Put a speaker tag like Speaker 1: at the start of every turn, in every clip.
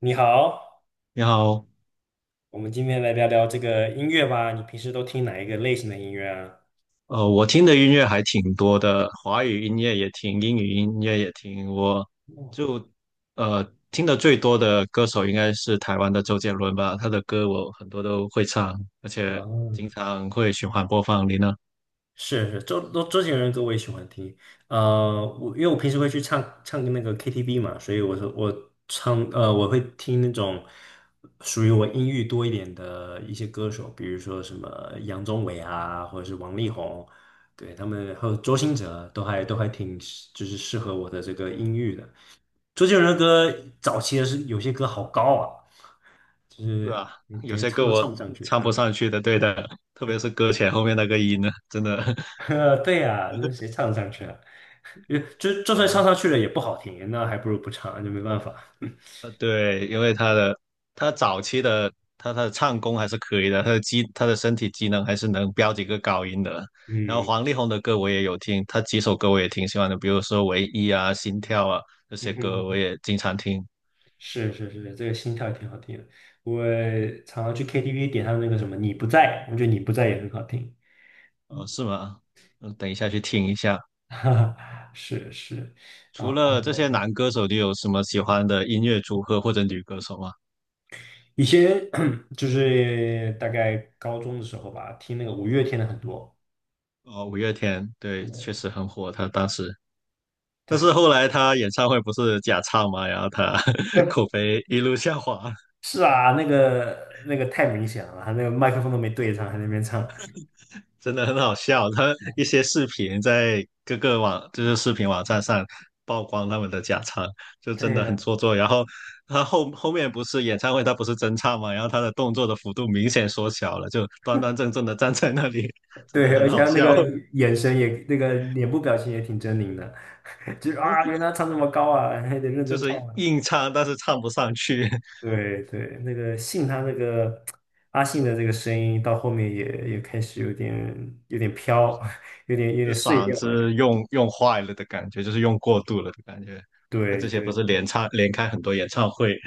Speaker 1: 你好，
Speaker 2: 你好，
Speaker 1: 我们今天来聊聊这个音乐吧。你平时都听哪一个类型的音乐啊？
Speaker 2: 我听的音乐还挺多的，华语音乐也听，英语音乐也听。我
Speaker 1: 哦，
Speaker 2: 就呃听的最多的歌手应该是台湾的周杰伦吧，他的歌我很多都会唱，而且经
Speaker 1: 啊，
Speaker 2: 常会循环播放。你呢？
Speaker 1: 是是，周杰伦歌我也喜欢听。我因为我平时会去唱唱那个 KTV 嘛，所以我说我会听那种属于我音域多一点的一些歌手，比如说什么杨宗纬啊，或者是王力宏，对他们还有周兴哲都还挺就是适合我的这个音域的。周杰伦的歌早期的是有些歌好高啊，就
Speaker 2: 是
Speaker 1: 是
Speaker 2: 啊，有
Speaker 1: 感觉
Speaker 2: 些
Speaker 1: 唱
Speaker 2: 歌
Speaker 1: 都
Speaker 2: 我
Speaker 1: 唱不上去。
Speaker 2: 唱不
Speaker 1: 嗯，
Speaker 2: 上去的，对的，特别是歌前后面那个音呢，真的，
Speaker 1: 对呀、那谁 唱得上去啊？就算唱
Speaker 2: 呃，
Speaker 1: 上去了也不好听，那还不如不唱，就没办法。
Speaker 2: 对，因为他早期的他的唱功还是可以的，他的身体机能还是能飙几个高音的。然后
Speaker 1: 嗯
Speaker 2: 黄力宏的歌我也有听，他几首歌我也挺喜欢的，比如说《唯一》啊、《心跳》啊这些
Speaker 1: 嗯
Speaker 2: 歌我
Speaker 1: 哼，
Speaker 2: 也经常听。
Speaker 1: 是是是，这个心跳也挺好听的。我常常去 KTV 点他那个什么《你不在》，我觉得《你不在》也很好听。
Speaker 2: 哦，是吗？嗯，等一下去听一下。
Speaker 1: 哈哈，是是，
Speaker 2: 除
Speaker 1: 啊，
Speaker 2: 了这些男歌手，你有什么喜欢的音乐组合或者女歌手吗？
Speaker 1: 以前 就是大概高中的时候吧，听那个五月天的很多。
Speaker 2: 哦，五月天，对，确实很火，他当时。但是
Speaker 1: 对，
Speaker 2: 后来他演唱会不是假唱嘛，然后他
Speaker 1: 呃，
Speaker 2: 口碑一路下滑。
Speaker 1: 是啊，那个太明显了，他那个麦克风都没对上，还在那边唱。
Speaker 2: 真的很好笑，他一些视频在各个网，就是视频网站上曝光他们的假唱，就真
Speaker 1: 对
Speaker 2: 的很
Speaker 1: 呀，
Speaker 2: 做作。然后他后面不是演唱会，他不是真唱嘛，然后他的动作的幅度明显缩小了，就端端正正的站在那里，真的
Speaker 1: 对，
Speaker 2: 很
Speaker 1: 而且
Speaker 2: 好
Speaker 1: 他那
Speaker 2: 笑。
Speaker 1: 个眼神也，那个脸部表情也挺狰狞的，就是啊，原来唱这么高啊，还得认
Speaker 2: 就
Speaker 1: 真唱
Speaker 2: 是
Speaker 1: 啊
Speaker 2: 硬唱，但是唱不上去，
Speaker 1: 对对，那个信他那个阿信的这个声音到后面也开始有点
Speaker 2: 就
Speaker 1: 飘，
Speaker 2: 是
Speaker 1: 有点有
Speaker 2: 就
Speaker 1: 点碎
Speaker 2: 嗓
Speaker 1: 掉的感
Speaker 2: 子
Speaker 1: 觉。
Speaker 2: 用坏了的感觉，就是用过度了的感觉。他
Speaker 1: 对
Speaker 2: 之前不
Speaker 1: 对。
Speaker 2: 是连唱连开很多演唱会，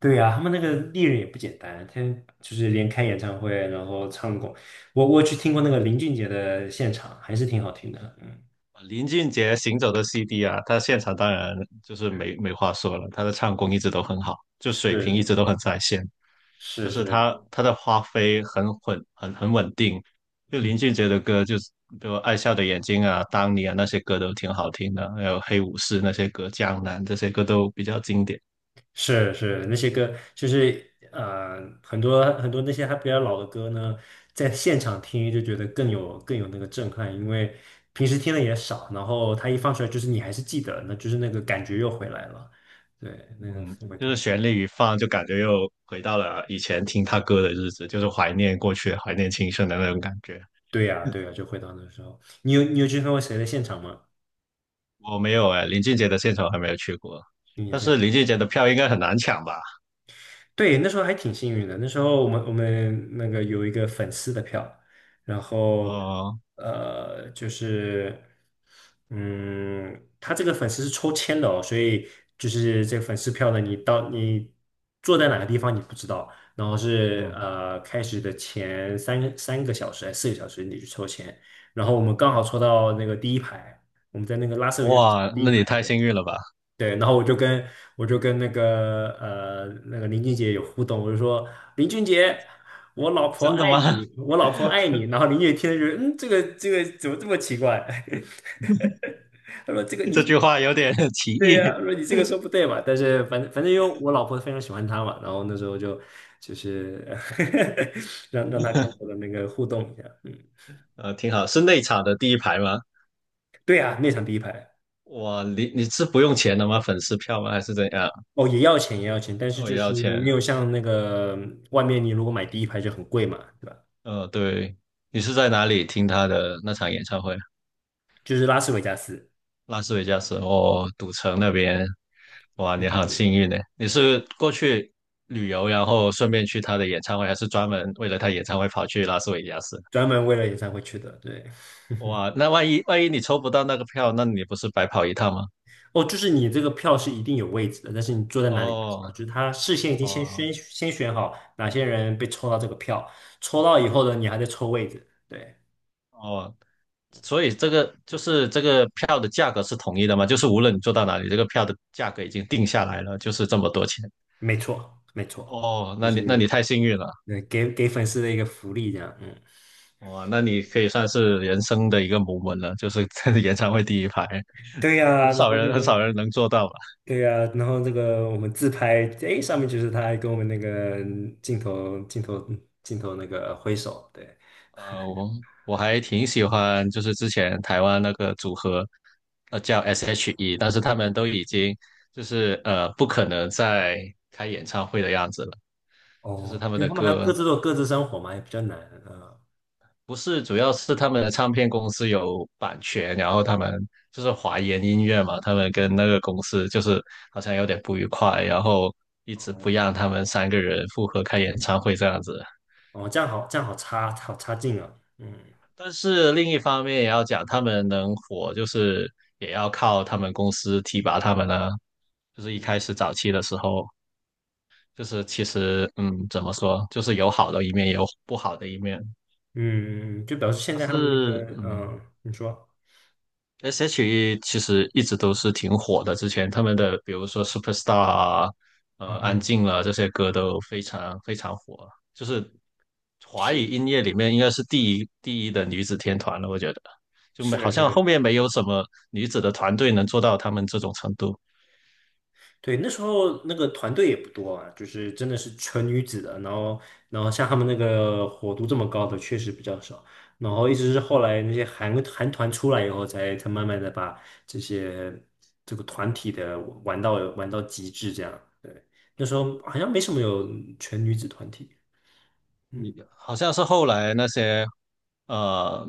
Speaker 1: 对呀、他们那个艺人也不简单，他就是连开演唱会，然后唱过，我去听过那个林俊杰的现场，还是挺好听的。嗯，
Speaker 2: 林俊杰《行走的 CD》啊，他现场当然就是没话说了，他的唱功一直都很好，就水平一直
Speaker 1: 是
Speaker 2: 都很在线，就
Speaker 1: 是
Speaker 2: 是
Speaker 1: 是，
Speaker 2: 他的发挥很稳，很稳定。就林
Speaker 1: 嗯，
Speaker 2: 俊杰的歌，就是比如《爱笑的眼睛》啊、《当你》啊那些歌都挺好听的，还有《黑武士》那些歌，《江南》这些歌都比较经典。
Speaker 1: 是是，那些歌就是很多很多那些还比较老的歌呢，在现场听就觉得更有那个震撼，因为平时听的也少，然后他一放出来，就是你还是记得，那就是那个感觉又回来了。对，那个
Speaker 2: 嗯，
Speaker 1: 氛围
Speaker 2: 就
Speaker 1: 特
Speaker 2: 是
Speaker 1: 别，
Speaker 2: 旋律一放，就感觉又回到了以前听他歌的日子，就是怀念过去、怀念青春的那种感觉。
Speaker 1: 对呀、对呀、就回到那时候。你有去看过谁的现场吗？
Speaker 2: 我没有哎，林俊杰的现场还没有去过，但是林俊杰的票应该很难抢吧？
Speaker 1: 对，那时候还挺幸运的。那时候我们那个有一个粉丝的票，然后
Speaker 2: 哦，
Speaker 1: 就是他这个粉丝是抽签的哦，所以就是这个粉丝票呢，你到你坐在哪个地方你不知道，然后是
Speaker 2: 嗯，
Speaker 1: 开始的前三个小时还是4个小时你去抽签，然后我们刚好
Speaker 2: 嗯，
Speaker 1: 抽到那个第一排，我们在那个拉斯维加斯的
Speaker 2: 哇，
Speaker 1: 第一
Speaker 2: 那你
Speaker 1: 排，
Speaker 2: 太幸
Speaker 1: 对。
Speaker 2: 运了吧？
Speaker 1: 对，然后我就跟那个那个林俊杰有互动，我就说林俊杰，我老婆
Speaker 2: 真的
Speaker 1: 爱
Speaker 2: 吗？
Speaker 1: 你，我老婆爱你。然后林俊杰听了就这个怎么这么奇怪？他说这个你
Speaker 2: 这
Speaker 1: 是
Speaker 2: 句话有点 歧
Speaker 1: 对
Speaker 2: 义。
Speaker 1: 呀、他说你这个说不对嘛。但是反正因为我老婆非常喜欢他嘛，然后那时候就是 让他跟我的那个互动一下。嗯，
Speaker 2: 挺好，是内场的第一排吗？
Speaker 1: 对啊，那场第一排
Speaker 2: 哇，你是不用钱的吗？粉丝票吗？还是怎样？
Speaker 1: 哦也要钱也要钱，但是
Speaker 2: 哦，
Speaker 1: 就
Speaker 2: 也要
Speaker 1: 是没
Speaker 2: 钱。
Speaker 1: 有像那个外面你如果买第一排就很贵嘛，对吧？
Speaker 2: 对，你是
Speaker 1: 嗯。
Speaker 2: 在哪里听他的那场演唱会？
Speaker 1: 就是拉斯维加斯，
Speaker 2: 拉斯维加斯哦，赌城那边，哇，
Speaker 1: 对
Speaker 2: 你
Speaker 1: 对
Speaker 2: 好
Speaker 1: 对，
Speaker 2: 幸运呢！你是过去旅游，然后顺便去他的演唱会，还是专门为了他演唱会跑去拉斯维加斯？
Speaker 1: 专门为了演唱会去的。对，
Speaker 2: 哇，那万一你抽不到那个票，那你不是白跑一趟吗？
Speaker 1: 哦，就是你这个票是一定有位置的，但是你坐在哪里不知道，就
Speaker 2: 哦
Speaker 1: 是他事先已经先
Speaker 2: 哦
Speaker 1: 选先选好哪些人被抽到这个票，抽到以后呢，你还在抽位置。对，
Speaker 2: 哦，所以这个就是这个票的价格是统一的吗？就是无论你坐到哪里，这个票的价格已经定下来了，就是这么多钱。
Speaker 1: 没错，没错，
Speaker 2: 哦，
Speaker 1: 就
Speaker 2: 那你
Speaker 1: 是
Speaker 2: 太幸运了。
Speaker 1: 给粉丝的一个福利这样。嗯，
Speaker 2: 哇，那你可以算是人生的一个 m o 了，就是在 演唱会第一排，
Speaker 1: 对
Speaker 2: 很
Speaker 1: 呀，然
Speaker 2: 少
Speaker 1: 后那
Speaker 2: 人很少
Speaker 1: 个。
Speaker 2: 人能做到吧？
Speaker 1: 对呀、然后这个我们自拍，哎，上面就是他还跟我们那个镜头、镜头、镜头那个挥手，对。
Speaker 2: 呃，我我还挺喜欢，就是之前台湾那个组合，叫 S.H.E，但是他们都已经就是不可能再开演唱会的样子了，就是
Speaker 1: 哦，
Speaker 2: 他们
Speaker 1: 对，
Speaker 2: 的
Speaker 1: 他们还
Speaker 2: 歌
Speaker 1: 各自都有各自生活嘛，也比较难啊。
Speaker 2: 不是，主要是他们的唱片公司有版权，然后他们就是华研音乐嘛，他们跟那个公司就是好像有点不愉快，然后一直
Speaker 1: 哦，
Speaker 2: 不让他们三个人复合开演唱会这样子。
Speaker 1: 哦，这样好，这样好差，好差劲啊。嗯
Speaker 2: 但是另一方面也要讲，他们能火，就是也要靠他们公司提拔他们呢。就是一
Speaker 1: 嗯
Speaker 2: 开始早期的时候，就是其实怎么说，就是有好的一面，也有不好的一面。
Speaker 1: 嗯，就表示现
Speaker 2: 但
Speaker 1: 在他们那个，
Speaker 2: 是，
Speaker 1: 你说，
Speaker 2: S.H.E 其实一直都是挺火的，之前他们的比如说《Superstar》啊、
Speaker 1: 嗯
Speaker 2: 《安
Speaker 1: 嗯，
Speaker 2: 静啊》了这些歌都非常非常火，就是华语音
Speaker 1: 是
Speaker 2: 乐里面应该是第一的女子天团了，我觉得就没好
Speaker 1: 是
Speaker 2: 像后
Speaker 1: 是。
Speaker 2: 面没有什么女子的团队能做到他们这种程度。
Speaker 1: 对，那时候那个团队也不多啊，就是真的是纯女子的，然后像他们那个火度这么高的确实比较少，然后一直是后来那些韩团出来以后才，才慢慢的把这些这个团体的玩到极致这样。对，那时候好像没什么有全女子团体。嗯
Speaker 2: 你好像是后来那些呃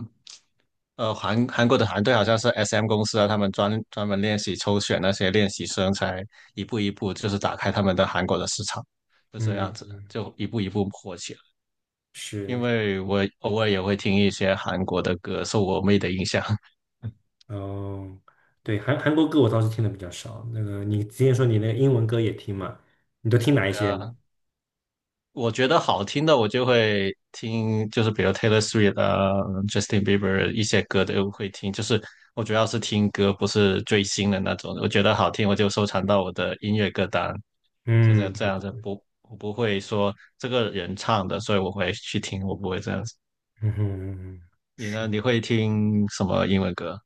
Speaker 2: 韩国的团队好像是 SM 公司啊，他们专门练习抽选那些练习生，才一步一步就是打开他们的韩国的市场，就这样
Speaker 1: 嗯，
Speaker 2: 子，就一步一步火起来。因
Speaker 1: 是，
Speaker 2: 为我偶尔也会听一些韩国的歌，受我妹的影响。
Speaker 1: 嗯，对，韩国歌我倒是听的比较少。那个你之前说你那个英文歌也听嘛？你都听哪一
Speaker 2: 对
Speaker 1: 些？
Speaker 2: 啊。我觉得好听的，我就会听，就是比如 Taylor Swift 啊、Justin Bieber 一些歌都会听。就是我主要是听歌，不是追星的那种。我觉得好听，我就收藏到我的音乐歌单，就这
Speaker 1: 嗯。
Speaker 2: 这样子。不，我不会说这个人唱的，所以我会去听，我不会这样子。
Speaker 1: 嗯哼
Speaker 2: 你呢？
Speaker 1: 是。
Speaker 2: 你会听什么英文歌？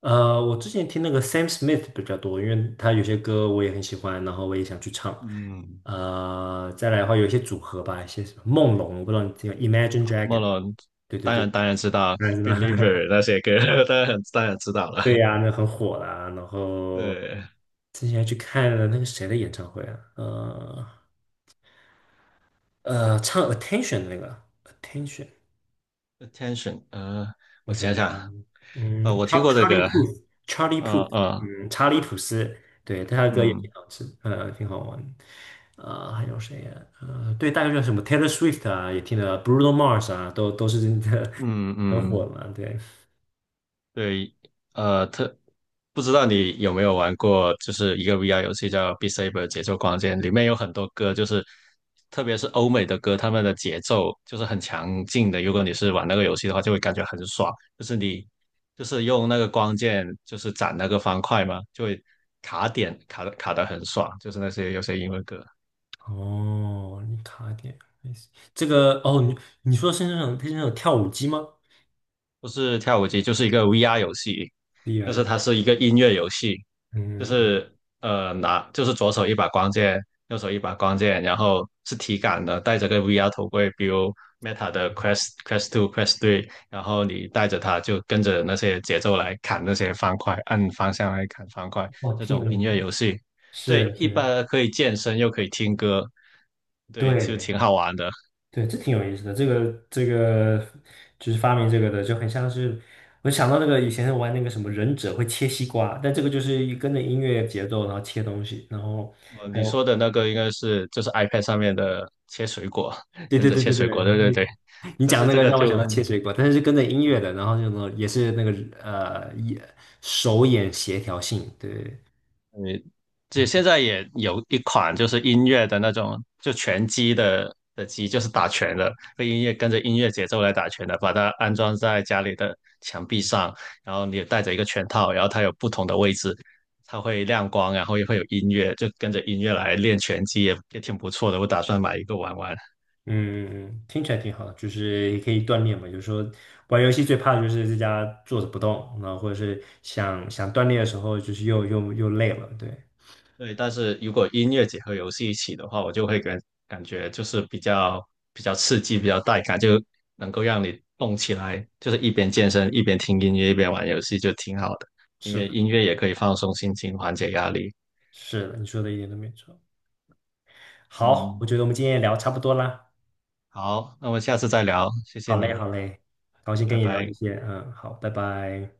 Speaker 1: 我之前听那个 Sam Smith 比较多，因为他有些歌我也很喜欢，然后我也想去唱。
Speaker 2: 嗯，
Speaker 1: 再来的话，有一些组合吧，一些什么梦龙，我不知道你听过 Imagine
Speaker 2: 莫
Speaker 1: Dragon。
Speaker 2: 龙，
Speaker 1: 对对
Speaker 2: 当
Speaker 1: 对，
Speaker 2: 然当然知道
Speaker 1: 那知道。
Speaker 2: Believer 那些歌，当然当然知道了。
Speaker 1: 对呀、那很火啦。然 后
Speaker 2: 对，
Speaker 1: 之前还去看了那个谁的演唱会啊？唱 Attention 的那个 Attention，
Speaker 2: attention，
Speaker 1: 我
Speaker 2: 我
Speaker 1: 想。
Speaker 2: 想想，
Speaker 1: 嗯
Speaker 2: 我听
Speaker 1: 查
Speaker 2: 过这
Speaker 1: 查理
Speaker 2: 个，
Speaker 1: 普，c h a r l
Speaker 2: 呃呃，
Speaker 1: 嗯，查理普斯，对，他的歌也
Speaker 2: 嗯
Speaker 1: 挺好吃，挺好玩。还有谁呀、对，大概就是什么 Taylor Swift 啊，也听了，Bruno Mars 啊，都是真的
Speaker 2: 嗯
Speaker 1: 很火
Speaker 2: 嗯，
Speaker 1: 嘛，对。
Speaker 2: 对，呃，特不知道你有没有玩过，就是一个 VR 游戏叫《Beat Saber》节奏光剑，里面有很多歌，就是特别是欧美的歌，他们的节奏就是很强劲的。如果你是玩那个游戏的话，就会感觉很爽，就是你就是用那个光剑就是斩那个方块嘛，就会卡点卡的很爽，就是那些有些英文歌。
Speaker 1: 哦，你卡点，这个哦，你说是那种跳舞机吗？
Speaker 2: 不是跳舞机，就是一个 VR 游戏，
Speaker 1: 厉
Speaker 2: 就是
Speaker 1: 害，
Speaker 2: 它是一个音乐游戏，就
Speaker 1: 嗯嗯，
Speaker 2: 是就是左手一把光剑，右手一把光剑，然后是体感的，戴着个 VR 头盔，比如 Meta 的
Speaker 1: 嗯
Speaker 2: Quest Quest Two Quest Three，然后你戴着它就跟着那些节奏来砍那些方块，按方向来砍方块，
Speaker 1: 哦，
Speaker 2: 这
Speaker 1: 挺
Speaker 2: 种
Speaker 1: 有意
Speaker 2: 音
Speaker 1: 思
Speaker 2: 乐
Speaker 1: 的
Speaker 2: 游戏，对，
Speaker 1: 是
Speaker 2: 一
Speaker 1: 是，
Speaker 2: 般可以健身又可以听歌，对，就
Speaker 1: 对
Speaker 2: 挺好玩的。
Speaker 1: 对，这挺有意思的。这个就是发明这个的，就很像是我想到那个以前玩那个什么忍者会切西瓜，但这个就是一跟着音乐节奏然后切东西，然后
Speaker 2: 哦，
Speaker 1: 还
Speaker 2: 你说
Speaker 1: 有
Speaker 2: 的那个应该是就是 iPad 上面的切水果，
Speaker 1: 对
Speaker 2: 忍
Speaker 1: 对
Speaker 2: 者
Speaker 1: 对
Speaker 2: 切
Speaker 1: 对
Speaker 2: 水
Speaker 1: 对，
Speaker 2: 果，对对对。
Speaker 1: 你
Speaker 2: 但
Speaker 1: 讲
Speaker 2: 是
Speaker 1: 那
Speaker 2: 这
Speaker 1: 个
Speaker 2: 个
Speaker 1: 让我想
Speaker 2: 就，
Speaker 1: 到切水果，但是是跟着音
Speaker 2: 对，
Speaker 1: 乐的，然后就呢也是那个呃眼手眼协调性，对，
Speaker 2: 你这现在也有一款就是音乐的那种，就拳击的机，就是打拳的，被音乐跟着音乐节奏来打拳的，把它安装在家里的墙壁上，然后你也带着一个拳套，然后它有不同的位置，它会亮光，然后也会有音乐，就跟着音乐来练拳击也挺不错的，我打算买一个玩玩。
Speaker 1: 嗯，听起来挺好，就是也可以锻炼嘛。有时候玩游戏最怕的就是在家坐着不动，然后或者是想想锻炼的时候，就是又累了，对。
Speaker 2: 对，但是如果音乐结合游戏一起的话，我就会感觉就是比较刺激，比较带感，就能够让你动起来，就是一边健身一边听音乐一边玩游戏，就挺好的。因
Speaker 1: 是
Speaker 2: 为
Speaker 1: 的，
Speaker 2: 音乐也可以放松心情，缓解压力。
Speaker 1: 是的，你说的一点都没错。好，我
Speaker 2: 嗯，
Speaker 1: 觉得我们今天也聊差不多啦。
Speaker 2: 好，那我们下次再聊，谢谢
Speaker 1: 好嘞，
Speaker 2: 你，
Speaker 1: 好嘞，高兴跟
Speaker 2: 拜
Speaker 1: 你聊这
Speaker 2: 拜。
Speaker 1: 些。嗯，好，拜拜。